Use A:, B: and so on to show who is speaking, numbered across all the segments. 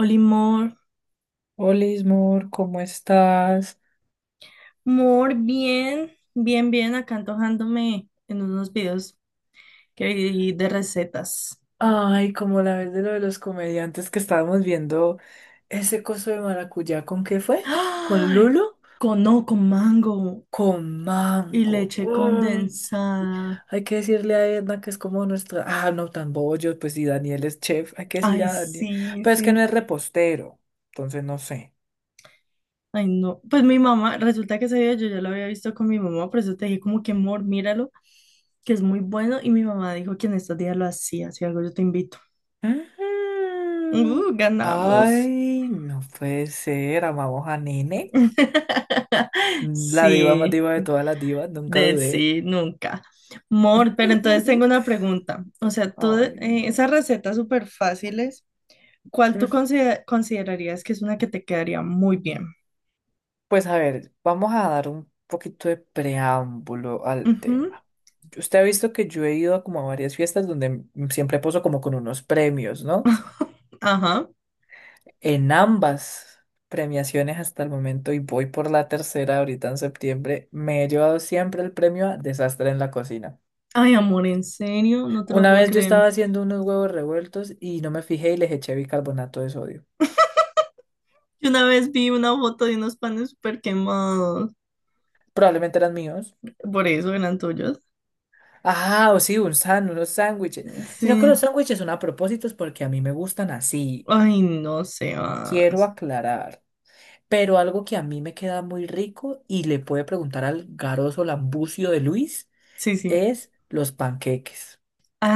A: Oli Mor,
B: Hola, Ismor, ¿cómo estás?
A: Mor, bien, bien, bien, acá antojándome en unos videos que vi de recetas.
B: Ay, como la vez de lo de los comediantes que estábamos viendo ese coso de maracuyá, ¿con qué fue? ¿Con
A: ¡Ay!
B: Lulo?
A: Con, no, con mango
B: Con
A: y
B: mango.
A: leche
B: Uy,
A: condensada.
B: hay que decirle a Edna que es como nuestra. Ah, no, tan bollo, pues sí, Daniel es chef, hay que decirle
A: Ay,
B: a Daniel.
A: sí,
B: Pero es que no
A: sí.
B: es repostero, entonces no sé.
A: Ay, no. Pues mi mamá, resulta que ese video yo ya lo había visto con mi mamá, por eso te dije como que Mor, míralo, que es muy bueno. Y mi mamá dijo que en estos días lo hacía, si algo yo te invito.
B: Ujú.
A: Ganamos.
B: Ay, no puede ser, amamos a Nene, la diva más
A: Sí.
B: diva de todas las divas, nunca
A: De
B: dudé.
A: sí, nunca. Mor, pero entonces tengo una pregunta. O sea, tú,
B: Ay, no.
A: esas recetas súper fáciles, ¿cuál tú considerarías que es una que te quedaría muy bien?
B: Pues a ver, vamos a dar un poquito de preámbulo al
A: Ujú.
B: tema. Usted ha visto que yo he ido como a varias fiestas donde siempre poso como con unos premios, ¿no?
A: Ajá.
B: En ambas premiaciones hasta el momento, y voy por la tercera ahorita en septiembre, me he llevado siempre el premio a desastre en la cocina.
A: Ay, amor, ¿en serio? No te lo
B: Una
A: puedo
B: vez yo
A: creer.
B: estaba haciendo unos huevos revueltos y no me fijé y les eché bicarbonato de sodio.
A: Yo una vez vi una foto de unos panes súper quemados.
B: Probablemente eran míos.
A: Por eso eran tuyos.
B: Ah, o sí, unos sándwiches. Sino que
A: Sí.
B: los sándwiches son a propósitos porque a mí me gustan así.
A: Ay, no sé
B: Quiero
A: más.
B: aclarar. Pero algo que a mí me queda muy rico y le puede preguntar al garoso lambucio de Luis
A: Sí, sí.
B: es los panqueques.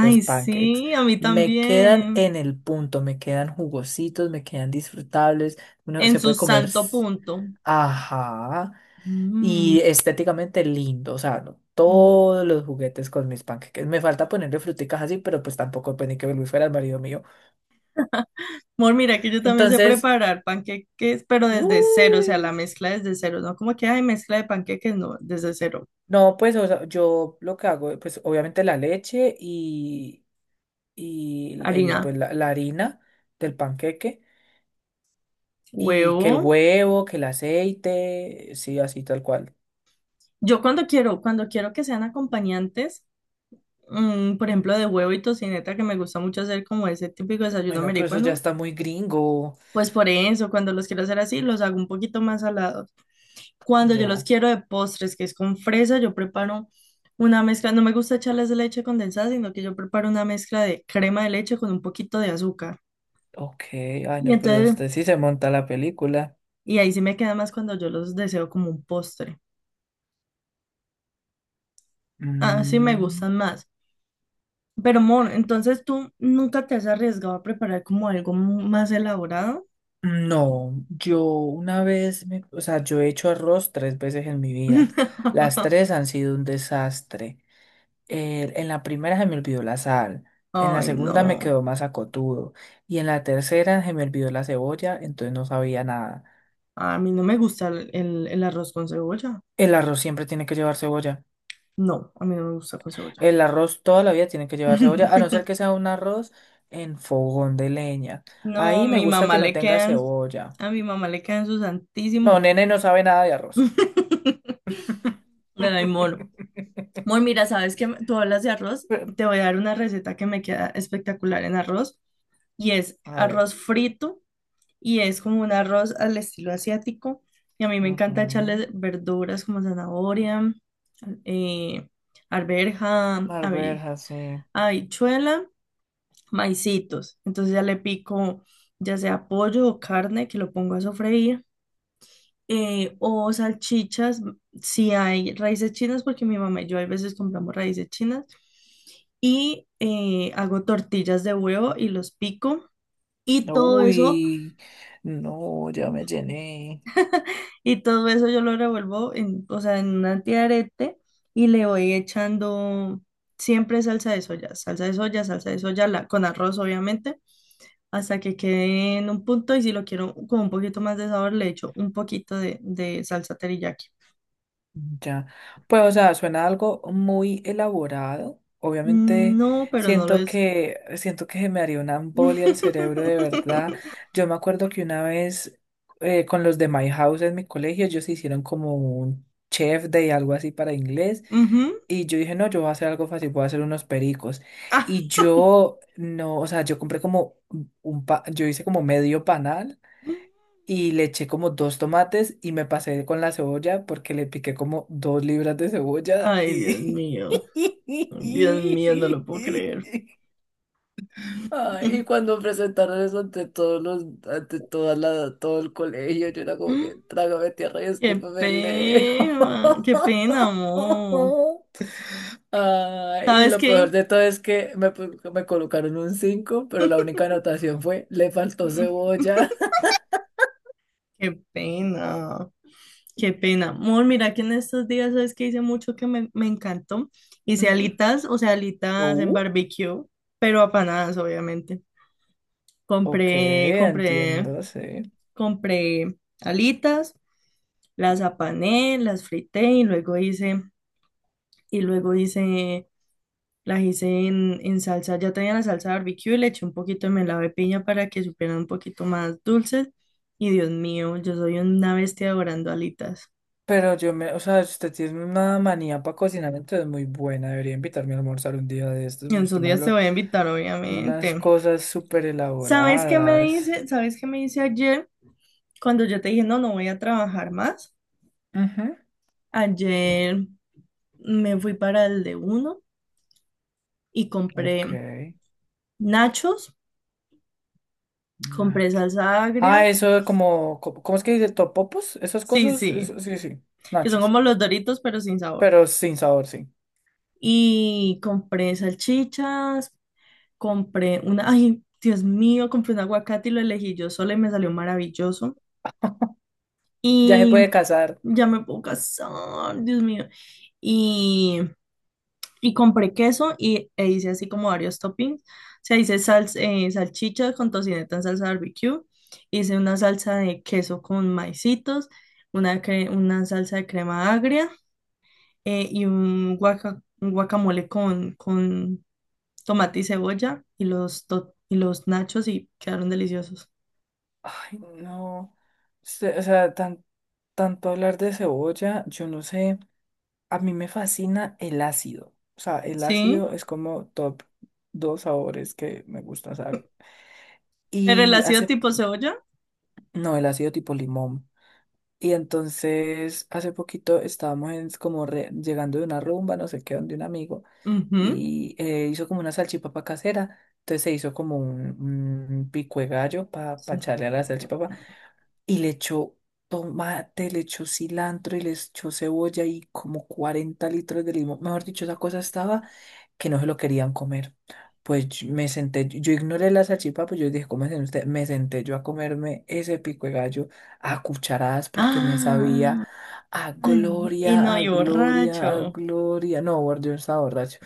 B: Los pancakes.
A: sí, a mí
B: Me quedan
A: también.
B: en el punto, me quedan jugositos, me quedan disfrutables. Uno
A: En
B: se
A: su
B: puede comer.
A: santo punto.
B: Ajá.
A: Mm.
B: Y estéticamente lindo, o sea, no,
A: Mm.
B: todos los juguetes con mis panqueques. Me falta ponerle fruticas así, pero pues tampoco pensé que Luis fuera el marido mío.
A: Mor, mira que yo también sé
B: Entonces,
A: preparar panqueques, pero desde cero, o sea, la
B: uy,
A: mezcla desde cero, no como que hay mezcla de panqueques, no, desde cero.
B: no, pues o sea, yo lo que hago, pues obviamente la leche y
A: Harina,
B: pues, la harina del panqueque y que el
A: huevo.
B: huevo, que el aceite, sí, así tal cual.
A: Yo cuando quiero que sean acompañantes, mm, por ejemplo, de huevo y tocineta, que me gusta mucho hacer como ese típico desayuno
B: Bueno, pero eso ya
A: americano,
B: está muy gringo,
A: pues por eso, cuando los quiero hacer así, los hago un poquito más salados. Cuando yo los
B: ya.
A: quiero de postres, que es con fresa, yo preparo una mezcla, no me gusta echarles leche condensada, sino que yo preparo una mezcla de crema de leche con un poquito de azúcar.
B: Ok, ay
A: Y
B: no, pero
A: entonces,
B: usted sí se monta la película.
A: y ahí sí me queda más cuando yo los deseo como un postre. Ah, sí me
B: Mm.
A: gustan más. Pero, amor, entonces tú nunca te has arriesgado a preparar como algo más elaborado.
B: No, yo una vez, o sea, yo he hecho arroz 3 veces en mi vida. Las tres han sido un desastre. En la primera se me olvidó la sal, en la
A: Ay,
B: segunda me
A: no.
B: quedó más acotudo y en la tercera se me olvidó la cebolla, entonces no sabía nada.
A: A mí no me gusta el arroz con cebolla.
B: El arroz siempre tiene que llevar cebolla.
A: No, a mí no me gusta con cebolla.
B: El arroz toda la vida tiene que llevar cebolla, a no ser que sea un arroz en fogón de leña.
A: No,
B: Ahí me
A: mi
B: gusta
A: mamá
B: que no
A: le
B: tenga
A: quedan,
B: cebolla.
A: a mi mamá le quedan su
B: No,
A: santísimo.
B: nene no sabe nada de arroz.
A: Le da amor. Muy, mira, sabes que tú hablas de arroz,
B: Pe-
A: te voy a dar una receta que me queda espectacular en arroz y es
B: A ver.
A: arroz frito y es como un arroz al estilo asiático y a mí me encanta
B: Ujú.
A: echarle verduras como zanahoria, eh, arveja,
B: A ver, así.
A: habichuela, maicitos. Entonces ya le pico ya sea pollo o carne que lo pongo a sofreír, o salchichas, si hay raíces chinas, porque mi mamá y yo a veces compramos raíces chinas. Y hago tortillas de huevo y los pico. Y todo eso,
B: Uy, no, ya me llené.
A: y todo eso yo lo revuelvo en, o sea, en un antiarete y le voy echando siempre salsa de soya, salsa de soya, salsa de soya, con arroz obviamente, hasta que quede en un punto y si lo quiero con un poquito más de sabor le echo un poquito de salsa teriyaki.
B: Ya. Pues, o sea, suena algo muy elaborado.
A: Mm,
B: Obviamente,
A: no, pero no lo he
B: siento que se me haría una embolia el cerebro de verdad. Yo me acuerdo que una vez con los de My House en mi colegio, ellos hicieron como un chef day, algo así para inglés.
A: Ujú.
B: Y yo dije, no, yo voy a hacer algo fácil, voy a hacer unos pericos.
A: Ah.
B: Y yo, no, o sea, yo compré como yo hice como medio panal y le eché como dos tomates y me pasé con la cebolla porque le piqué como 2 libras de cebolla
A: Ay, Dios
B: y...
A: mío. Dios mío, no lo puedo creer.
B: Ay, y cuando presentaron eso ante todos los, ante toda la, todo el colegio, yo era como que "trágame tierra y escúpeme el dedo".
A: Qué pena, amor.
B: Ah, y
A: ¿Sabes
B: lo peor
A: qué?
B: de todo es que me, me colocaron un 5 pero la única anotación fue, le faltó
A: Mm.
B: cebolla.
A: Qué pena, qué pena. Amor, mira que en estos días, ¿sabes qué? Hice mucho que me encantó. Hice
B: Ujú.
A: alitas, o sea, alitas en
B: Uh,
A: barbecue, pero apanadas, obviamente.
B: ok,
A: Compré, compré,
B: entiendo, sí.
A: compré alitas. Las apané, las frité y y luego hice, las hice en salsa, ya tenía la salsa barbecue, y le eché un poquito de melado de piña para que supieran un poquito más dulces. Y Dios mío, yo soy una bestia adorando alitas.
B: Pero o sea, usted tiene una manía para cocinar, entonces muy buena. Debería invitarme a almorzar un día de estos.
A: Y en sus
B: Usted me
A: días te
B: habló
A: voy a invitar,
B: unas
A: obviamente.
B: cosas súper
A: ¿Sabes qué me
B: elaboradas.
A: dice? ¿Sabes qué me dice ayer? Cuando yo te dije, no, no voy a trabajar más.
B: Ujú.
A: Ayer me fui para el de uno y
B: Ok,
A: compré nachos, compré
B: Nacho.
A: salsa agria.
B: Ah, eso es como, ¿cómo es que dice? ¿Topopos? Esas
A: Sí,
B: cosas,
A: sí.
B: sí, sí,
A: Que son
B: nachos,
A: como los Doritos, pero sin sabor.
B: pero sin sabor, sí.
A: Y compré salchichas, compré una, ay, Dios mío, compré un aguacate y lo elegí yo sola y me salió maravilloso.
B: Ya se
A: Y
B: puede cazar.
A: ya me puedo casar, Dios mío. Y, y compré queso y, e hice así como varios toppings. O sea, hice salsa, salchichas con tocineta en salsa barbecue. Hice una salsa de queso con maicitos, una, una salsa de crema agria, y un, un guacamole con tomate y cebolla y los, y los nachos y quedaron deliciosos.
B: Ay, no. O sea, tan, tanto hablar de cebolla, yo no sé. A mí me fascina el ácido. O sea, el
A: Sí,
B: ácido es como top dos sabores que me gustan, o sea,
A: pero el
B: y
A: ácido
B: hace,
A: tipo cebolla.
B: no, el ácido tipo limón. Y entonces hace poquito estábamos como llegando de una rumba, no sé qué, donde un amigo,
A: Ujú,
B: y hizo como una salchipapa casera. Entonces se hizo como un pico de gallo para
A: sí.
B: echarle a la salchipapa. Y le echó tomate, le echó cilantro y le echó cebolla y como 40 litros de limón. Mejor dicho, esa cosa estaba que no se lo querían comer. Pues yo me senté, yo ignoré la salchipapa, pues yo dije, ¿cómo hacen ustedes? Me senté yo a comerme ese pico de gallo a cucharadas porque me sabía
A: Ah,
B: a
A: ay, y
B: gloria,
A: no,
B: a
A: y
B: gloria, a
A: borracho.
B: gloria. No, yo no estaba borracho.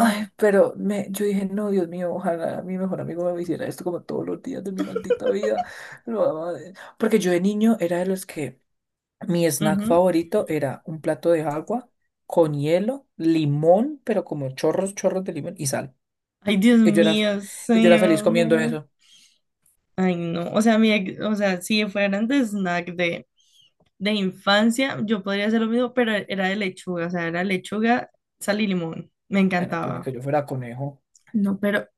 B: Ay, pero yo dije, no, Dios mío, ojalá mi mejor amigo me hiciera esto como todos los días de mi maldita vida. No, madre. Porque yo de niño era de los que mi snack
A: ujú.
B: favorito era un plato de agua con hielo, limón, pero como chorros, chorros de limón y sal.
A: Ay, Dios
B: Y yo era,
A: mío,
B: y yo
A: sí,
B: era feliz comiendo
A: no.
B: eso.
A: Ay, no. O sea, mi, o sea, si fueran de snack de infancia, yo podría hacer lo mismo, pero era de lechuga, o sea, era lechuga, sal y limón. Me
B: Bueno, pues ni que
A: encantaba.
B: yo fuera conejo.
A: No, pero,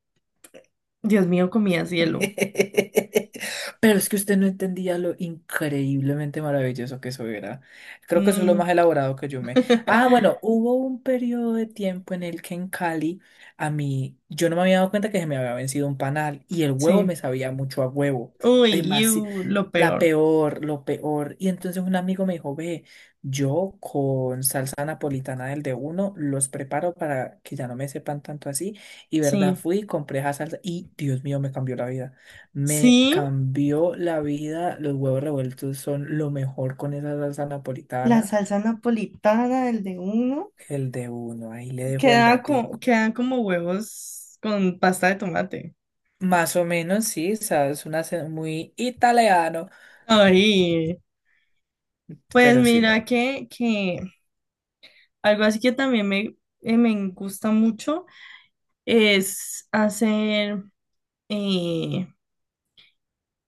A: Dios mío, comía cielo.
B: Pero es que usted no entendía lo increíblemente maravilloso que eso era. Creo que eso es lo
A: Mm,
B: más elaborado que yo me... Ah, bueno, hubo un periodo de tiempo en el que en Cali a mí, yo no me había dado cuenta que se me había vencido un panal y el huevo me
A: sí.
B: sabía mucho a huevo.
A: Uy, iu,
B: Demasiado.
A: lo
B: La
A: peor.
B: peor, lo peor. Y entonces un amigo me dijo, ve, yo con salsa napolitana del de uno los preparo para que ya no me sepan tanto así. Y verdad,
A: Sí.
B: fui, compré esa salsa y Dios mío, me cambió la vida. Me
A: Sí,
B: cambió la vida. Los huevos revueltos son lo mejor con esa salsa
A: la
B: napolitana.
A: salsa napolitana, el de uno,
B: El de uno, ahí le dejo el
A: queda
B: datico.
A: quedan como huevos con pasta de tomate.
B: Más o menos, sí, sabes, un acento muy italiano,
A: Ay, pues
B: pero si
A: mira
B: no,
A: que algo así que también me, me gusta mucho es hacer, eh,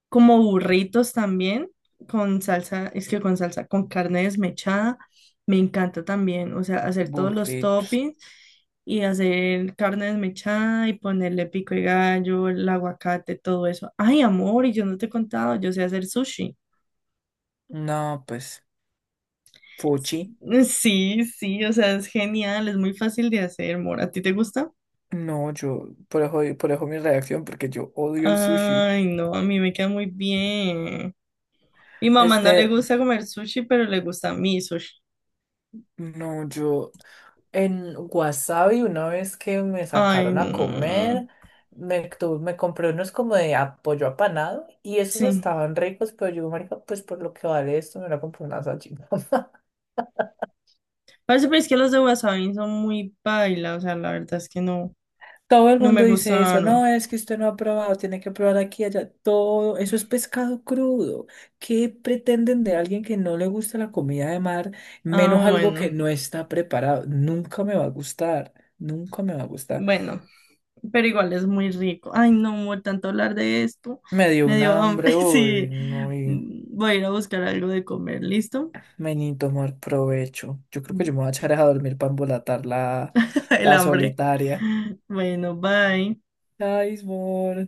A: como burritos también, con salsa, es que con salsa, con carne desmechada, me encanta también, o sea, hacer todos los
B: burritos.
A: toppings y hacer carne desmechada y ponerle pico de gallo, el aguacate, todo eso. Ay, amor, y yo no te he contado, yo sé hacer sushi.
B: No, pues, fuchi.
A: Sí, sí, o sea, es genial, es muy fácil de hacer, amor. ¿A ti te gusta?
B: No, yo, por eso mi reacción, porque yo odio el sushi.
A: Ay, no, a mí me queda muy bien. Mi mamá no le
B: Este,
A: gusta comer sushi, pero le gusta a mí sushi.
B: no, yo en Wasabi, una vez que me
A: Ay,
B: sacaron a
A: no.
B: comer, me compré unos como de apoyo apanado y esos
A: Sí.
B: estaban ricos, pero yo, marica, pues por lo que vale esto, me la compré una salchipapa.
A: Parece pues que los de Wasabi son muy paila, o sea, la verdad es que no,
B: Todo el
A: no me
B: mundo dice eso,
A: gustaron.
B: no, es que usted no ha probado, tiene que probar aquí, allá, todo, eso es pescado crudo. ¿Qué pretenden de alguien que no le gusta la comida de mar, menos
A: Ah,
B: algo que
A: bueno,
B: no está preparado? Nunca me va a gustar, nunca me va a gustar.
A: bueno, pero igual es muy rico. Ay, no, amor, tanto hablar de esto,
B: Me dio
A: me
B: una
A: dio hambre.
B: hambre hoy,
A: Sí,
B: no.
A: mm, voy a ir a buscar algo de comer, ¿listo?
B: Meni, tomar provecho. Yo creo que yo me voy a echar a dormir para embolatar la,
A: El
B: la
A: hambre.
B: solitaria.
A: Bueno, bye.
B: Ay, amor.